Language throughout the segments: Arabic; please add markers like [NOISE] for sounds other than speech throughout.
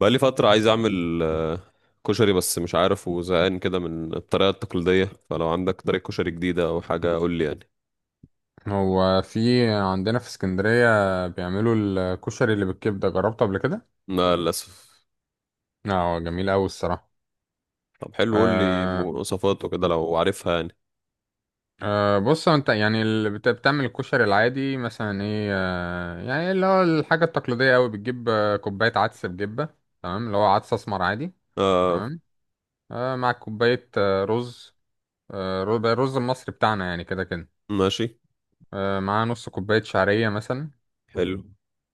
بقالي فترة عايز أعمل كشري بس مش عارف وزهقان كده من الطريقة التقليدية، فلو عندك طريقة كشري جديدة أو حاجة قول لي يعني. هو في عندنا في اسكندرية بيعملوا الكشري اللي بالكبدة، جربته قبل كده؟ لا للأسف. اه جميل أوي الصراحة. طب حلو قول لي آه مواصفات وكده لو عارفها يعني. بص، هو انت يعني اللي بتعمل الكشري العادي مثلا ايه، يعني اللي هو الحاجة التقليدية أوي بتجيب كوباية عدس بجبة. تمام، اللي هو عدس أسمر عادي. آه تمام. مع كوباية رز. الرز المصري بتاعنا يعني كده كده. ماشي مع نص كوباية شعرية مثلا. حلو.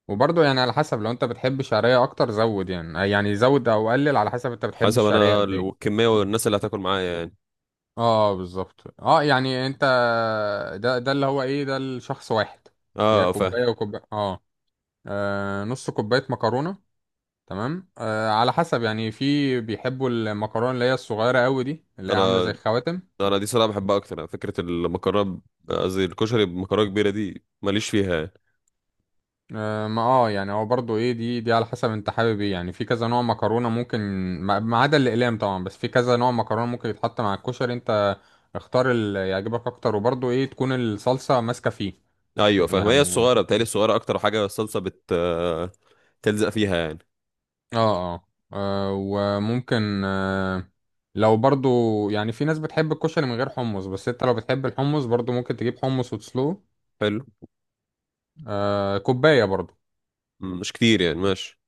وبرضه يعني على حسب، لو انت بتحب الشعرية اكتر زود يعني، يعني زود او قلل على حسب انت بتحب حسب الشعرية أنا قد ايه. الكمية والناس اللي هتاكل معايا يعني. اه بالظبط، اه يعني انت، ده اللي هو ايه، ده الشخص واحد. هي آه فاهم. كوباية وكوباية. اه، نص كوباية مكرونة. تمام، على حسب يعني، في بيحبوا المكرونة اللي هي الصغيرة قوي دي، اللي هي عاملة زي أنا الخواتم. أنا دي صراحة بحبها أكتر يعني، فكرة المكرونة. قصدي الكشري بمكرونة كبيرة دي ماليش فيها يعني. ما اه يعني، هو برضو ايه، دي على حسب انت حابب ايه، يعني في كذا نوع مكرونه ممكن. ما ما عدا الاقلام طبعا، بس في كذا نوع مكرونه ممكن يتحط مع الكشري. انت اختار اللي يعجبك اكتر، وبرضو ايه تكون الصلصه ماسكه فيه. أيوة فاهم، هي يعني الصغيرة بتهيألي الصغيرة أكتر حاجة، الصلصة بت آه، تلزق فيها يعني. اه اه، وممكن، لو برضو، يعني في ناس بتحب الكشري من غير حمص، بس انت لو بتحب الحمص برضو ممكن تجيب حمص وتسلقه. حلو، كوبايه برضو. مش كتير يعني ماشي.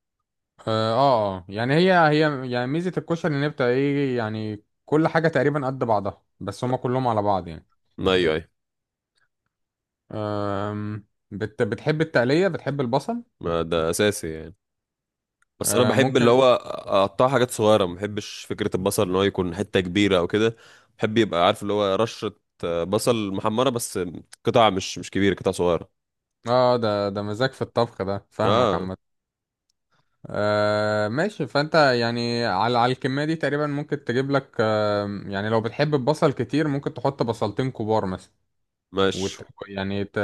اه آه. يعني هي هي، يعني ميزة الكشري ان هي بتبقى ايه، يعني كل حاجة تقريبا قد بعضها، بس هما كلهم على بعض يعني. ما ايوه ايوه. بتحب التقلية، بتحب البصل. ما ده اساسي يعني. بس انا آه بحب اللي ممكن. هو اقطع حاجات صغيره، ما بحبش فكره البصل ان هو يكون حته كبيره او كده. بحب يبقى عارف اللي هو رشه، بصل محمره بس، قطع مش كبيره، قطع صغيره. اه ده مزاج في الطبخ، ده فاهمك اه عامة. آه ماشي. فانت يعني، على الكمية دي تقريبا ممكن تجيب لك يعني، لو بتحب البصل كتير ممكن تحط بصلتين كبار مثلا. ماشي. وت... يعني ت...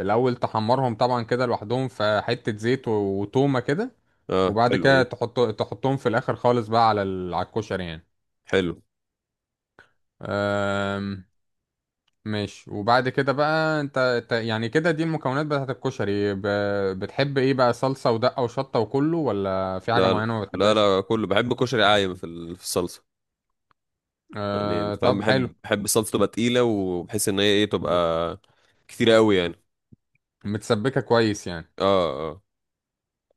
الأول تحمرهم طبعا كده لوحدهم في حتة زيت وتومة كده. اه وبعد حلو دي. كده تحطهم في الاخر خالص بقى على ال... على الكشري يعني. حلو. أم... ماشي. وبعد كده بقى انت، يعني كده دي المكونات بتاعت الكشري. بتحب ايه بقى، صلصة ودقة وشطة وكله، ولا في حاجة لا، معينة ما لا بتحبهاش؟ لا كله بحب، كشري عايم في في الصلصه. يعني انت أه... فاهم، طب حلو. بحب الصلصه تبقى تقيله، وبحس ان هي ايه، تبقى كتيره قوي يعني. متسبكة كويس يعني. اه اه.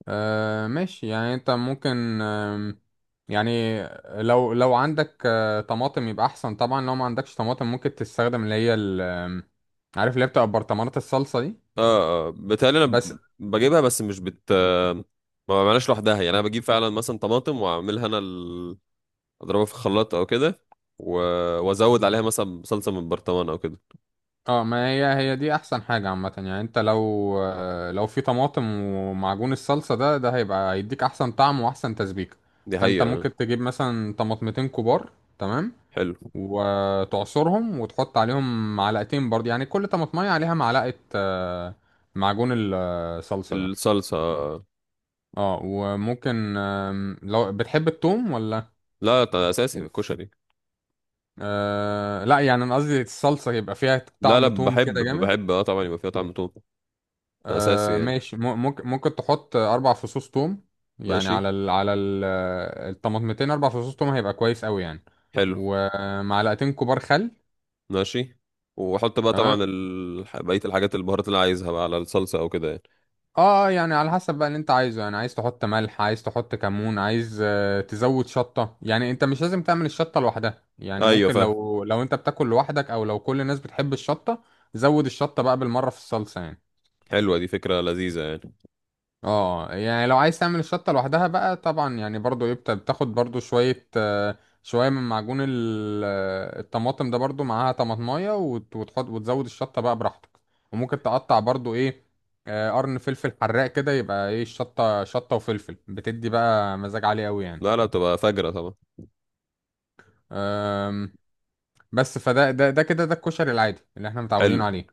ماشي، يعني انت ممكن، يعني لو عندك طماطم يبقى احسن طبعا. لو ما عندكش طماطم، ممكن تستخدم اللي هي ال... عارف اللي هي بتبقى برطمانات الصلصة دي. اه اه بتهيألي انا بس بجيبها بس مش بت ما بعملهاش لوحدها يعني، انا بجيب فعلا مثلا طماطم واعملها انا اضربها في الخلاط او كده، و... وازود عليها مثلا صلصه من برطمان او كده. اه، ما هي هي دي احسن حاجة عامة. يعني انت لو لو في طماطم ومعجون الصلصة ده، هيبقى هيديك احسن طعم واحسن تسبيكة. دي فانت حقيقه آه. ممكن تجيب مثلا طماطمتين كبار. تمام. حلو. وتعصرهم، وتحط عليهم معلقتين برضه، يعني كل طماطمية عليها معلقة معجون الصلصة ده. الصلصه آه. اه، وممكن لو بتحب التوم ولا... لا ده اساسي في الكشري. آه لا، يعني انا قصدي الصلصة يبقى فيها لا لا، طعم توم بحب كده جامد. بحب اه طبعا يبقى فيها طعم توم. ده اساسي آه يعني. ماشي. ممكن تحط اربع فصوص توم. يعني ماشي على ال الطماطمتين، اربع فصوص توم هيبقى كويس قوي يعني. حلو. ومعلقتين كبار خل. ماشي، واحط بقى طبعا تمام. بقيه الحاجات، البهارات اللي عايزها بقى على الصلصه او كده يعني. اه، يعني على حسب بقى اللي انت عايزه، يعني عايز تحط ملح، عايز تحط كمون، عايز تزود شطة. يعني انت مش لازم تعمل الشطة لوحدها، يعني ايوه ممكن فاهم. لو انت بتاكل لوحدك، او لو كل الناس بتحب الشطة زود الشطة بقى بالمرة في الصلصة يعني. حلوه دي، فكره لذيذه يعني. اه، يعني لو عايز تعمل الشطة لوحدها بقى طبعا، يعني برضو ايه، بتاخد برضو شوية، شوية من معجون الطماطم ده، برضو معاها طماطماية، وتحط وتزود الشطة بقى براحتك. وممكن تقطع برضو ايه، قرن فلفل حراق كده، يبقى ايه، الشطة شطة وفلفل، بتدي بقى مزاج عالي قوي يعني. لا لا، بتبقى فجره طبعا. آم، بس فده ده ده كده ده الكشري العادي اللي احنا متعودين حلو. عليه.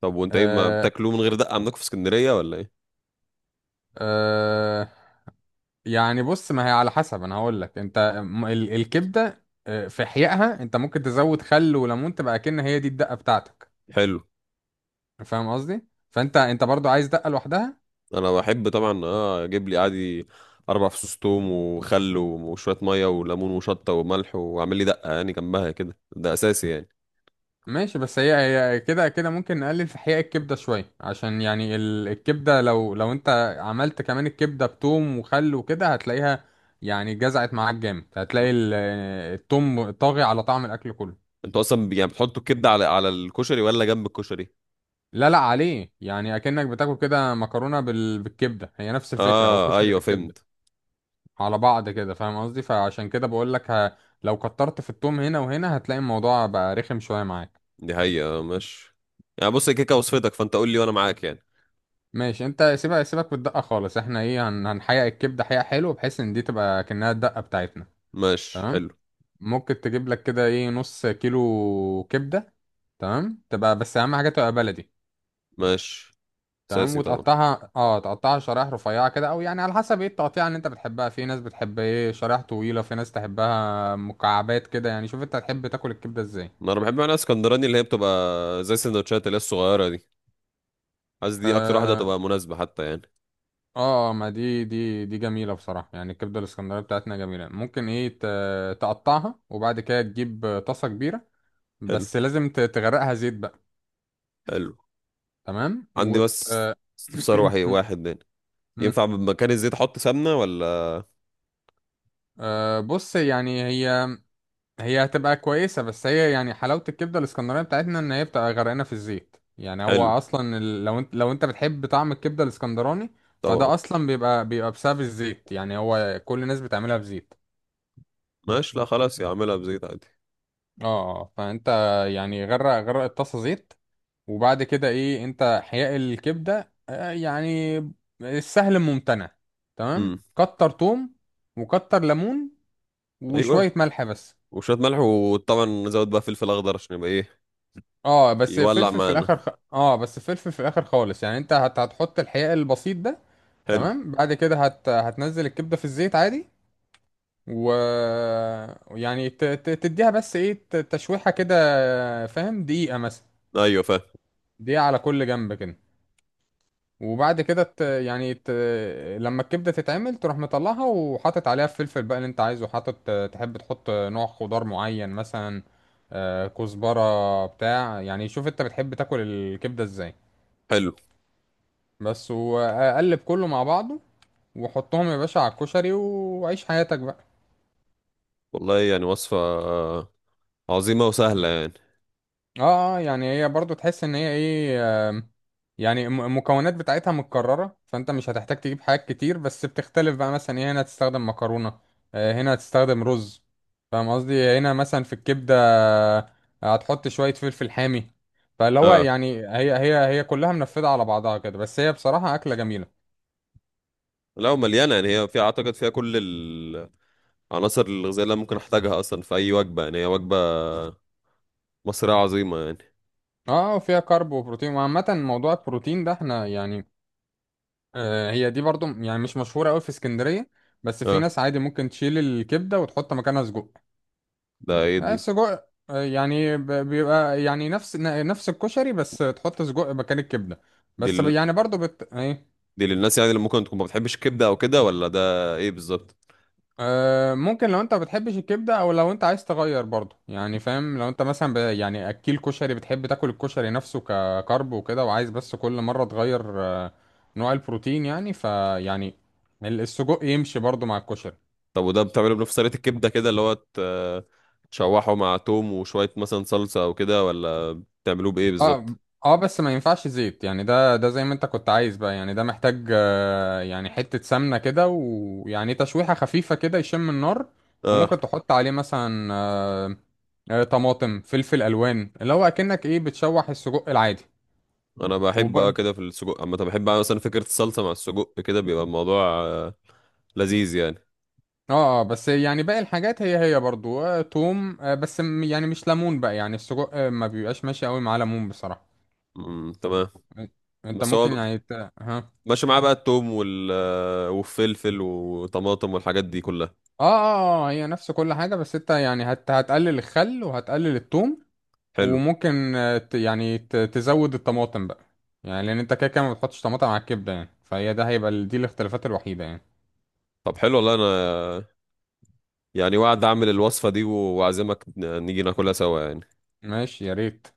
طب وانت ايه ما آه، بتاكلوه من غير دقة عندكم في اسكندرية ولا ايه؟ آه، يعني بص، ما هي على حسب. انا هقول لك انت، الكبده في احيائها انت ممكن تزود خل وليمون، تبقى كأن هي دي الدقه بتاعتك. حلو. فاهم قصدي؟ فانت انت برضو عايز دقه لوحدها؟ انا بحب طبعا اه اجيب لي عادي اربع فصوص توم وخل وشوية مية وليمون وشطة وملح، واعمل لي دقة يعني جنبها كده. ده اساسي يعني. ماشي، بس هي هي كده كده ممكن نقلل في احياء الكبده شويه، عشان يعني الكبده لو انت عملت كمان الكبده بتوم وخل وكده، هتلاقيها يعني جزعت معاك جامد. هتلاقي التوم طاغي على طعم الاكل كله. انتوا اصلا يعني بتحطوا الكبدة على على الكشري ولا جنب الكشري؟ لا لا، عليه يعني اكنك بتاكل كده مكرونه بالكبده. هي نفس الفكره، هو اه كشري ايوه بالكبده فهمت. على بعض كده. فاهم قصدي؟ فعشان كده بقول لك لو كترت في التوم هنا وهنا هتلاقي الموضوع بقى رخم شويه معاك. دي حقيقة آه، ماشي. يعني بص هي كيكة وصفتك، فانت قول لي وانا معاك يعني. ماشي انت سيبها، سيبك بالدقه خالص. احنا ايه، هنحقق الكبده حقيقه حلو، بحيث ان دي تبقى كأنها الدقه بتاعتنا. ماشي تمام. حلو. ممكن تجيب لك كده ايه، نص كيلو كبده. تمام، تبقى بس اهم حاجه تبقى بلدي. ماشي. تمام. اساسي طبعا. وتقطعها، اه تقطعها شرايح رفيعه كده، او يعني على حسب ايه التقطيع اللي انت بتحبها. في ناس بتحب ايه شرايح طويله، في ناس تحبها مكعبات كده، يعني شوف انت تحب تاكل الكبده ازاي. ما انا بحب، انا اسكندراني، اللي هي بتبقى زي السندوتشات اللي هي الصغيرة دي. قصدي اكتر واحدة آه، هتبقى مناسبة حتى يعني. اه ما دي جميلة بصراحة، يعني الكبدة الاسكندرية بتاعتنا جميلة. ممكن ايه تقطعها، وبعد كده تجيب طاسة كبيرة. حلو بس لازم تغرقها زيت بقى. حلو. تمام. عندي بس [COUGHS] استفسار واحد يعني، [CLEARS THROAT] مم. ينفع بمكان الزيت احط سمنة ولا؟ آه بص، يعني هي هي هتبقى كويسة، بس هي يعني حلاوة الكبدة الاسكندرية بتاعتنا، ان هي بتبقى غرقانة في الزيت. يعني هو حلو. اصلا لو انت بتحب طعم الكبدة الاسكندراني، طبعا. فده اصلا بيبقى بسبب الزيت. يعني هو كل الناس بتعملها بزيت. ماشي، لا خلاص يا اعملها بزيت عادي. اه، فانت يعني غرق الطاسه زيت. وبعد كده ايه، انت حياء الكبده يعني السهل الممتنع. تمام، امم، كتر توم، وكتر ليمون، ايوه. وشويه ملح بس. وشوية ملح، وطبعا نزود بقى فلفل اخضر عشان يبقى ايه، اه بس يولع فلفل في معانا. الاخر خ... اه، بس فلفل في الاخر خالص. يعني انت هتحط الحياء البسيط ده. حلو. تمام. بعد كده هتنزل الكبده في الزيت عادي. و يعني تديها بس ايه، تشويحه كده. فاهم؟ دقيقه مثلا، ايوه فاهم. دقيقه على كل جنب كده. وبعد كده لما الكبدة تتعمل، تروح مطلعها، وحاطط عليها الفلفل بقى اللي انت عايزه حاطط. تحب تحط نوع خضار معين مثلا، كزبرة بتاع؟ يعني شوف انت بتحب تاكل الكبدة ازاي. حلو بس وقلب كله مع بعضه، وحطهم يا باشا على الكشري وعيش حياتك بقى. والله، يعني وصفة عظيمة وسهلة يعني. اه اه، يعني هي برضو تحس ان هي ايه، آم، يعني المكونات بتاعتها متكررة، فانت مش هتحتاج تجيب حاجات كتير، بس بتختلف بقى. مثلا ايه، هنا هتستخدم مكرونة، هنا هتستخدم رز. فاهم قصدي؟ هنا مثلا في الكبدة آه، هتحط شوية فلفل حامي. فاللي هو اه، يعني هي هي كلها منفذة على بعضها كده. بس هي بصراحة أكلة جميلة. لا ومليانة يعني، هي فيها اعتقد فيها كل العناصر الغذائية اللي أنا ممكن احتاجها اصلا في اي وجبة يعني، هي وجبة مصرية عظيمة يعني. اه، وفيها كارب وبروتين. وعامة موضوع البروتين ده، احنا يعني هي دي برضو يعني مش مشهورة قوي في اسكندرية. بس في اه. ناس عادي ممكن تشيل الكبدة وتحط مكانها سجق. ده ايه دي؟ سجق، يعني بيبقى يعني نفس الكشري، بس تحط سجق مكان الكبدة. دي بس ال... يعني برضو ايه، دي للناس يعني اللي ممكن تكون ما بتحبش الكبده او كده، ولا ده ايه بالظبط؟ ممكن لو انت ما بتحبش الكبدة، او لو انت عايز تغير برضو يعني. فاهم، لو انت مثلا يعني اكيل كشري، بتحب تاكل الكشري نفسه ككرب وكده، وعايز بس كل مرة تغير نوع البروتين يعني. السجق يمشي برضو مع الكشري. طب وده بتعمله بنفس طريقه الكبده كده اللي هو تشوحه مع توم وشويه مثلا صلصه او كده، ولا بتعملوه بايه بالظبط؟ اه اه، بس ما ينفعش زيت يعني. ده زي ما انت كنت عايز بقى يعني. ده محتاج يعني حتة سمنة كده، ويعني تشويحة خفيفة كده يشم النار. وممكن اه. تحط عليه مثلا طماطم فلفل الوان، اللي هو اكنك ايه، بتشوح السجق العادي. انا بحب اه وب... كده في السجق، اما بحب أعمل مثلا فكره الصلصه مع السجق كده بيبقى الموضوع لذيذ يعني. اه بس يعني باقي الحاجات هي هي برضو، توم، بس يعني مش ليمون بقى. يعني السجق ما بيبقاش ماشي قوي مع ليمون بصراحة. تمام. انت بس ممكن هو يعني ها؟ ماشي معاه بقى التوم والفلفل وطماطم والحاجات دي كلها. اه اه، هي نفس كل حاجة، بس انت يعني هتقلل الخل، وهتقلل التوم. حلو. وممكن تزود الطماطم بقى. يعني لان انت كده كده ما بتحطش طماطم على الكبدة يعني. فهي ده هيبقى دي الاختلافات الوحيدة يعني. طب حلو والله، انا يعني وعد اعمل الوصفة دي واعزمك نيجي ناكلها سوا يعني. ماشي يا ريت.